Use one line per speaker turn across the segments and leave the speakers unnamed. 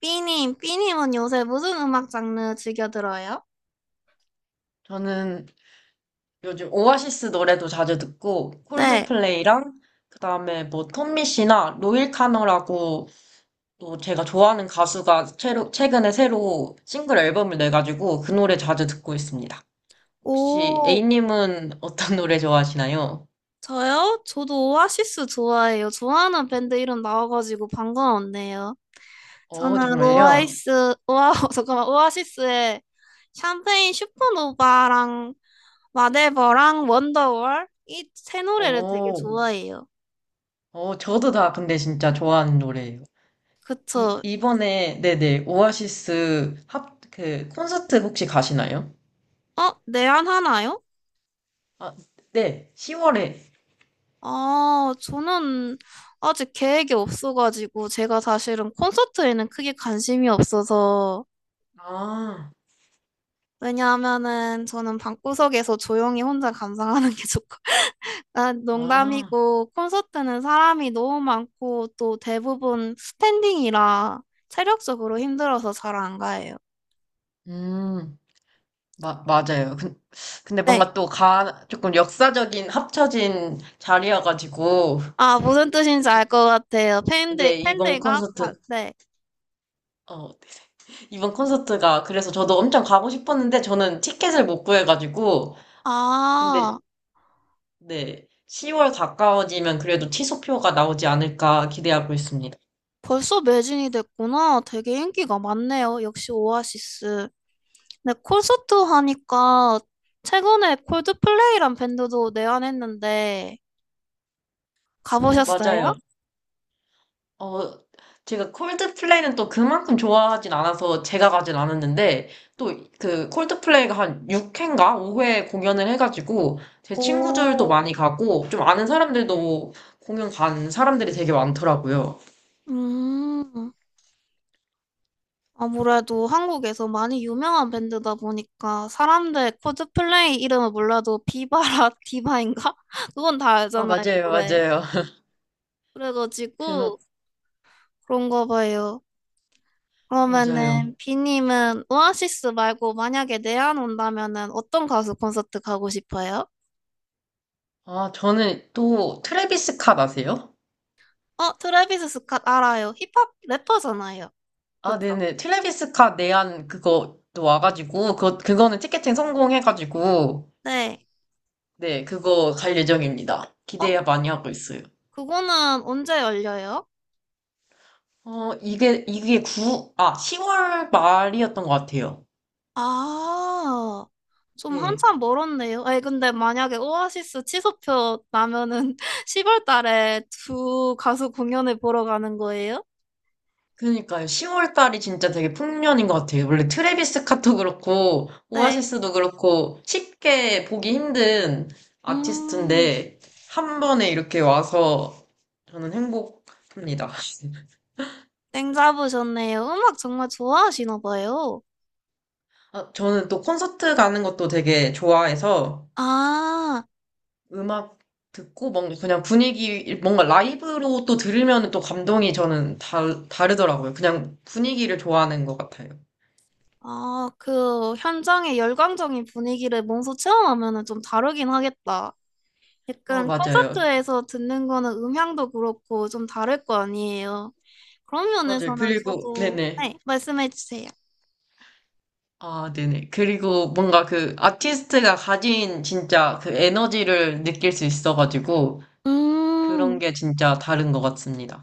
삐님, 삐님은 요새 무슨 음악 장르 즐겨 들어요?
저는 요즘 오아시스 노래도 자주 듣고
네.
콜드플레이랑 그다음에 뭐 톰미 씨나 로일 카너라고 또 제가 좋아하는 가수가 최근에 새로 싱글 앨범을 내가지고 그 노래 자주 듣고 있습니다. 혹시
오,
A님은 어떤 노래 좋아하시나요?
저요? 저도 오아시스 좋아해요. 좋아하는 밴드 이름 나와가지고 반가웠네요.
어,
저는
정말요?
오아시스, 잠깐만, 오아시스의 샴페인 슈퍼노바랑 마데버랑 원더월 이 세 노래를 되게
어,
좋아해요.
저도 다 근데 진짜 좋아하는 노래예요. 이,
그쵸?
이번에, 네네, 콘서트 혹시 가시나요?
어, 내한 하나요?
아, 네, 10월에.
아, 저는 아직 계획이 없어가지고, 제가 사실은 콘서트에는 크게 관심이 없어서,
아.
왜냐하면은 저는 방구석에서 조용히 혼자 감상하는 게 좋고, 아,
아,
농담이고, 콘서트는 사람이 너무 많고, 또 대부분 스탠딩이라 체력적으로 힘들어서 잘 안 가요.
음, 맞아요. 근데
네.
뭔가 또 조금 역사적인 합쳐진 자리여가지고,
아, 무슨 뜻인지 알
이,
것 같아요. 팬들,
네,
팬들과, 가- 네.
어, 이번 콘서트가, 그래서 저도 엄청 가고 싶었는데, 저는 티켓을 못 구해가지고, 근데,
아,
네, 10월 가까워지면 그래도 취소표가 나오지 않을까 기대하고 있습니다.
벌써 매진이 됐구나. 되게 인기가 많네요. 역시 오아시스. 네, 콘서트 하니까 최근에 콜드플레이란 밴드도 내한했는데
어,
가보셨어요?
맞아요. 어, 제가 콜드플레이는 또 그만큼 좋아하진 않아서 제가 가진 않았는데, 또 그 콜드플레이가 한 6회인가 5회 공연을 해가지고, 제 친구들도
오,
많이 가고, 좀 아는 사람들도 공연 간 사람들이 되게 많더라고요.
음, 아무래도 한국에서 많이 유명한 밴드다 보니까 사람들 콜드플레이 이름을 몰라도 비바라 디바인가? 그건 다
아,
알잖아요,
맞아요,
노래.
맞아요.
그래가지고
그, 노-
그런가 봐요.
맞아요.
그러면은 비님은 오아시스 말고 만약에 내한 온다면은 어떤 가수 콘서트 가고 싶어요?
아, 저는 또 트래비스 캇 아세요?
어, 트래비스 스캇 알아요. 힙합 래퍼잖아요.
아,
맞죠?
네네. 트래비스 캇 내한 그거도 와가지고, 그거는 티켓팅 성공해가지고,
네.
네, 그거 갈 예정입니다.
어,
기대 많이 하고 있어요.
그거는 언제 열려요?
이게 10월 말이었던 것 같아요.
아, 좀
네.
한참 멀었네요. 아니, 근데 만약에 오아시스 취소표 나면은 10월 달에 두 가수 공연을 보러 가는 거예요?
그러니까요. 10월 달이 진짜 되게 풍년인 것 같아요. 원래 트래비스 스캇도 그렇고,
네.
오아시스도 그렇고, 쉽게 보기 힘든
음,
아티스트인데, 한 번에 이렇게 와서 저는 행복합니다.
땡 잡으셨네요. 음악 정말 좋아하시나 봐요.
아, 저는 또 콘서트 가는 것도 되게 좋아해서,
아,
음악 듣고 뭔가 그냥 분위기 뭔가 라이브로 또 들으면 또 감동이 저는 다르더라고요. 그냥 분위기를 좋아하는 것 같아요.
아, 그 현장의 열광적인 분위기를 몸소 체험하면은 좀 다르긴 하겠다.
어,
약간
맞아요.
콘서트에서 듣는 거는 음향도 그렇고 좀 다를 거 아니에요. 그런
맞아요.
면에서는
그리고
저도,
네네.
네, 말씀해 주세요.
아, 네네. 그리고 뭔가 그 아티스트가 가진 진짜 그 에너지를 느낄 수 있어가지고 그런
음,
게 진짜 다른 것 같습니다.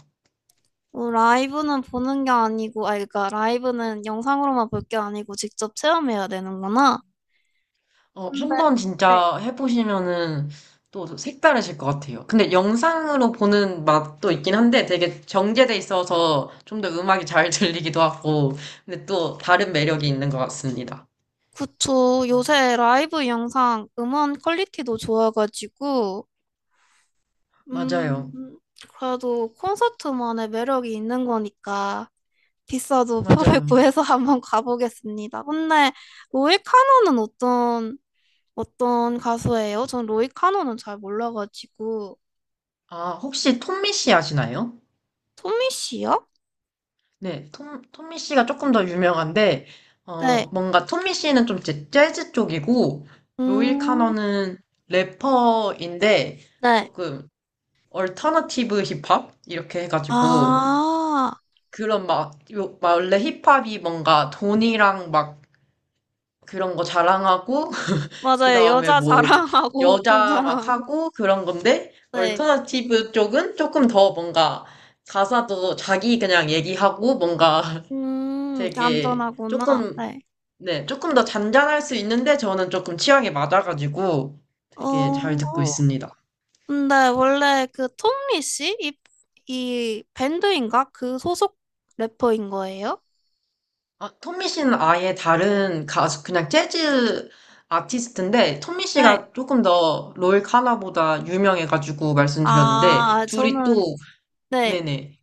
뭐 라이브는 보는 게 아니고, 아, 그러니까 라이브는 영상으로만 볼 게 아니고 직접 체험해야 되는구나.
어,
근데,
한번
네.
진짜 해보시면은 또 색다르실 것 같아요. 근데 영상으로 보는 맛도 있긴 한데 되게 정제돼 있어서 좀 더 음악이 잘 들리기도 하고, 근데 또 다른 매력이 있는 것 같습니다.
그쵸.
어,
요새 라이브 영상, 음원 퀄리티도 좋아가지고,
맞아요.
음, 그래도 콘서트만의 매력이 있는 거니까 비싸도 표를
맞아요.
구해서 한번 가보겠습니다. 근데 로이 카노는 어떤 가수예요? 전 로이 카노는 잘 몰라가지고
아, 혹시 톰미 씨 아시나요?
토미 씨요?
네, 톰미 씨가 조금 더 유명한데,
네.
뭔가 톰미 씨는 좀 재즈 쪽이고, 로일
음,
카너는 래퍼인데,
네.
조금 얼터너티브 힙합 이렇게 해가지고
아,
그런 막 막 원래 힙합이 뭔가 돈이랑 막 그런 거 자랑하고 그
맞아요.
다음에
여자
뭐
자랑하고 돈
여자 막
자랑하고.
하고 그런 건데
네.
얼터너티브 쪽은 조금 더 뭔가 가사도 자기 그냥 얘기하고 뭔가 되게
얌전하구나.
조금
네.
네 조금 더 잔잔할 수 있는데 저는 조금 취향에 맞아가지고 되게 잘 듣고
어,
있습니다.
근데 원래 그 톰리 씨? 이, 이 밴드인가? 그 소속 래퍼인 거예요?
아, 톰미 씨는 아예 다른 가수, 그냥 재즈 아티스트인데, 톰미
네.
씨가 조금 더 롤 카나보다 유명해가지고 말씀드렸는데,
아,
둘이
저는,
또,
네.
네네,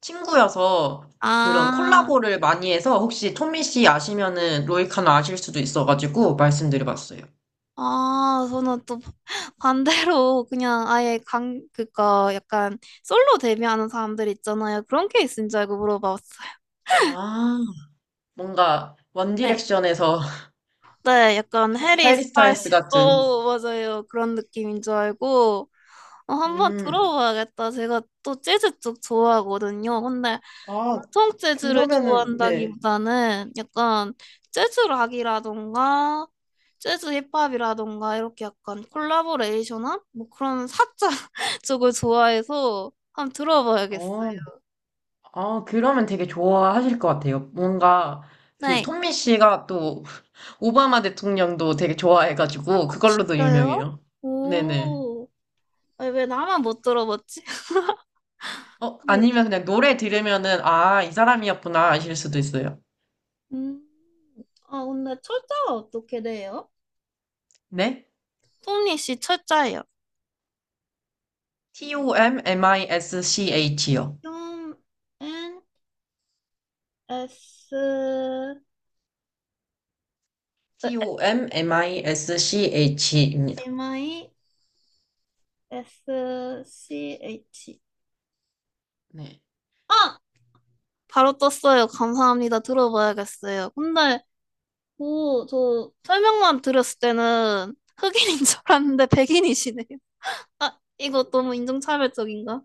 친구여서 그런
아,
콜라보를 많이 해서, 혹시 톰미씨 아시면은 롤 카나 아실 수도 있어가지고 말씀드려봤어요.
저는 또 반대로 그냥 아예 강, 그니까 약간 솔로 데뷔하는 사람들 있잖아요. 그런 케이스인 줄 알고 물어봤어요.
아, 뭔가,
네.
원디렉션에서
네, 약간 해리
해리 스타일스
스타일스,
같은.
오, 맞아요. 그런 느낌인 줄 알고. 어, 한번
음,
들어봐야겠다. 제가 또 재즈 쪽 좋아하거든요. 근데
아,
전통 재즈를
그러면은, 네.
좋아한다기보다는 약간 재즈 락이라던가 재즈 힙합이라던가 이렇게 약간 콜라보레이션한 뭐 그런 사자 쪽을 좋아해서 한번
어.
들어봐야겠어요.
아, 그러면 되게 좋아하실 것 같아요. 뭔가 그
네,
톰미 씨가 또 오바마 대통령도 되게 좋아해가지고 그걸로도
저요?
유명해요. 네네.
오, 아니, 왜 나만 못 들어봤지? 네.
아니면 그냥 노래 들으면은 아, 이 사람이었구나 아실 수도 있어요.
음, 아, 근데 철자가 어떻게 돼요?
네?
토니 씨 철자예요.
T-O-M-M-I-S-C-H요.
좀 N S 어,
T-O-M-M-I-S-C-H입니다.
M I S C H
네.
아! 바로 떴어요. 감사합니다. 들어봐야겠어요. 근데 오, 저 설명만 들었을 때는 흑인인 줄 알았는데 백인이시네요. 아, 이거 너무 인종차별적인가?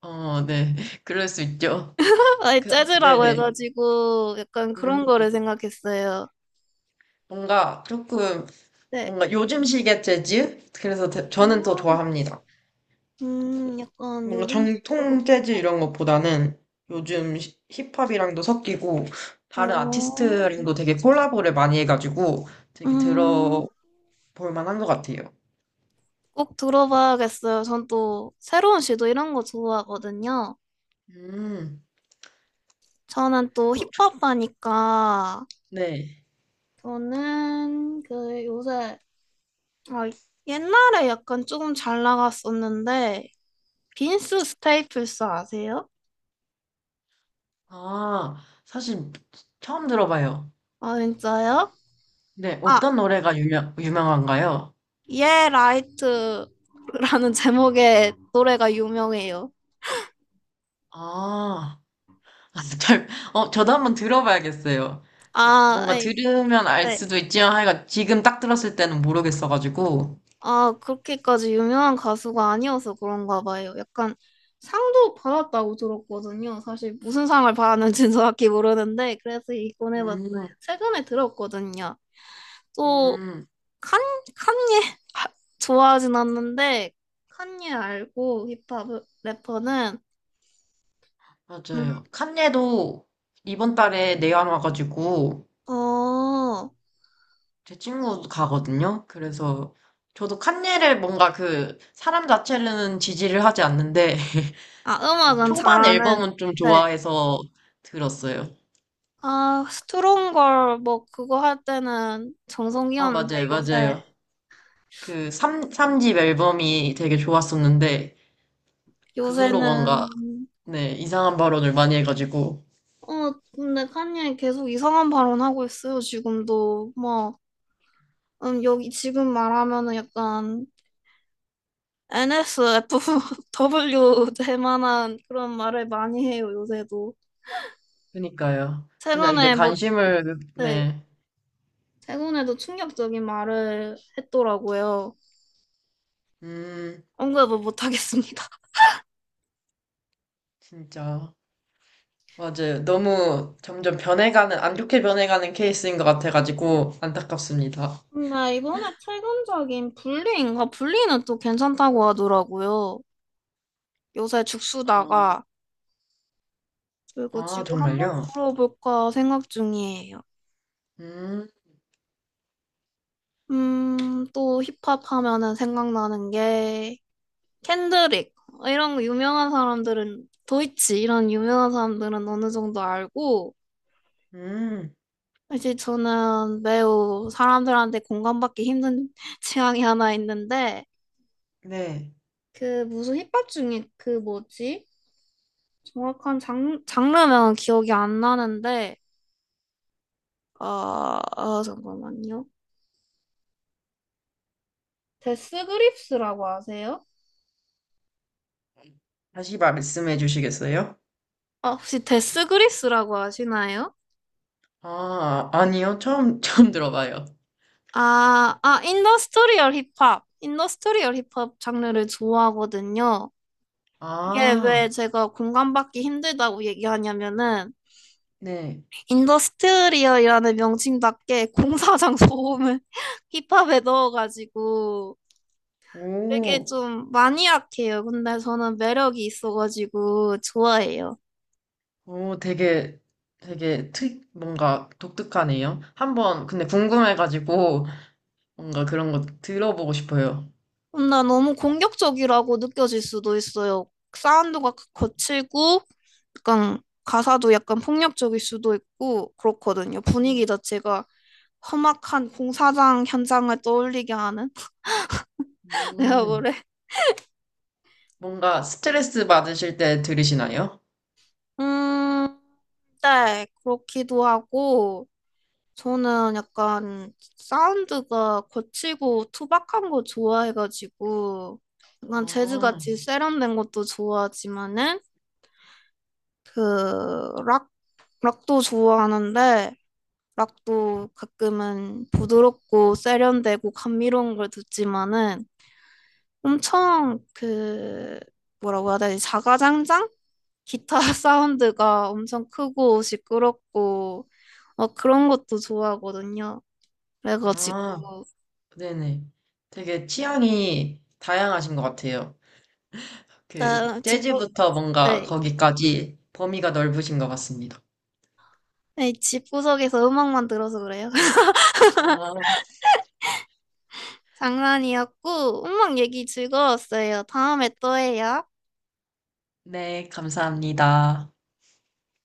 어, 네. 그럴 수 있죠.
아니,
그,
재즈라고
네네.
해가지고 약간
음,
그런 거를 생각했어요.
뭔가 조금,
네.
뭔가 요즘식의 재즈? 그래서 저는 더 좋아합니다.
약간
뭔가 정통
요즘식으로.
재즈
네.
이런 것보다는 요즘 히- 힙합이랑도 섞이고 다른
어,
아티스트랑도 되게 콜라보를 많이 해가지고 되게
음.
들어볼 만한 것 같아요.
꼭 들어봐야겠어요. 전 또 새로운 시도 이런 거 좋아하거든요.
음,
저는 또
또,
힙 합하니까
네.
저는 그 요새 아, 옛날에 약간 조금 잘 나갔었는데 빈스 스테이플스 아세요?
아, 사실 처음 들어봐요.
아, 진짜요?
네,
아,
어떤 노래가 유명한가요?
예 라이트라는 제목의 노래가 유명해요.
아, 저도 한번 들어봐야겠어요.
아,
뭔가
아이,
들으면 알
네.
수도 있지만 하여간 지금 딱 들었을 때는 모르겠어가지고.
아, 그렇게까지 유명한 가수가 아니어서 그런가 봐요. 약간 상도 받았다고 들었거든요. 사실 무슨 상을 받았는지는 정확히 모르는데, 그래서 이건 해봤어요.
음,
최근에 들었거든요. 또,
음.
칸, 칸예, 아, 좋아하진 않는데, 칸예 알고 힙합 래퍼는, 음,
맞아요. 칸예도 이번 달에 내한 와가지고
어,
제 친구 가거든요. 그래서 저도 칸예를 뭔가 그 사람 자체는 지지를 하지 않는데
아,
그
음악은
초반
잘하는,
앨범은 좀
네.
좋아해서 들었어요.
아, 스트롱걸, 뭐, 그거 할 때는
아,
정성이었는데,
맞아요,
요새,
맞아요. 그 삼집 앨범이 되게 좋았었는데 그 후로
요새는
뭔가 네, 이상한 발언을 많이 해가지고
어, 근데 칸예 계속 이상한 발언하고 있어요, 지금도. 뭐, 여기 지금 말하면은 약간 NSFW 될 만한 그런 말을 많이 해요, 요새도.
그니까요. 그냥 이제
최근에 뭐,
관심을
네,
네.
최근에도 충격적인 말을 했더라고요.
음,
언급을 못 하겠습니다.
진짜. 맞아요. 너무 점점 변해가는, 안 좋게 변해가는 케이스인 것 같아가지고 안타깝습니다.
근데 이번에 최근적인 불리인가? 불리는 또 괜찮다고 하더라고요. 요새
어,
죽수다가, 그리고
아,
지구 한번
정말요?
들어볼까 생각 중이에요.
음,
또 힙합 하면은 생각나는 게 켄드릭 이런 유명한 사람들은 도이치 이런 유명한 사람들은 어느 정도 알고
음,
사실 저는 매우 사람들한테 공감받기 힘든 취향이 하나 있는데
네.
그 무슨 힙합 중에 그 뭐지? 정확한 장, 장르명은 기억이 안 나는데 잠깐만요. 데스 그립스라고 아세요?
다시 말씀해 주시겠어요?
아, 혹시 데스 그립스라고 아시나요?
아, 아니요. 처음, 처음 들어봐요.
인더스트리얼 힙합. 인더스트리얼 힙합 장르를 좋아하거든요. 이게
아,
왜 제가 공감받기 힘들다고 얘기하냐면은,
네.
인더스트리얼이라는 명칭답게 공사장 소음을 힙합에 넣어가지고 되게
오,
좀 마니악해요. 근데 저는 매력이 있어가지고 좋아해요.
오, 되게 뭔가 독특하네요. 한번, 근데 궁금해가지고 뭔가 그런 거 들어보고 싶어요.
나 너무 공격적이라고 느껴질 수도 있어요. 사운드가 그 거칠고, 약간 가사도 약간 폭력적일 수도 있고, 그렇거든요. 분위기 자체가 험악한 공사장 현장을 떠올리게 하는 내가
음,
그래.
뭔가 스트레스 받으실 때 들으시나요?
음, 네, 그렇기도 하고, 저는 약간 사운드가 거칠고 투박한 거 좋아해가지고, 약간
아,
재즈같이 세련된 것도 좋아하지만은, 그, 락 락도 좋아하는데 락도 가끔은 부드럽고 세련되고 감미로운 걸 듣지만은 엄청 그 뭐라고 해야 되지? 자가장장? 기타 사운드가 엄청 크고 시끄럽고 어, 그런 것도 좋아하거든요.
아,
그래가지고
네네. 되게 취향이 다양하신 것 같아요.
나 집구
재즈부터 뭔가
네.
거기까지 범위가 넓으신 것 같습니다.
네, 집구석에서 음악만 들어서 그래요.
아,
장난이었고 음악 얘기 즐거웠어요. 다음에 또 해요.
네, 감사합니다.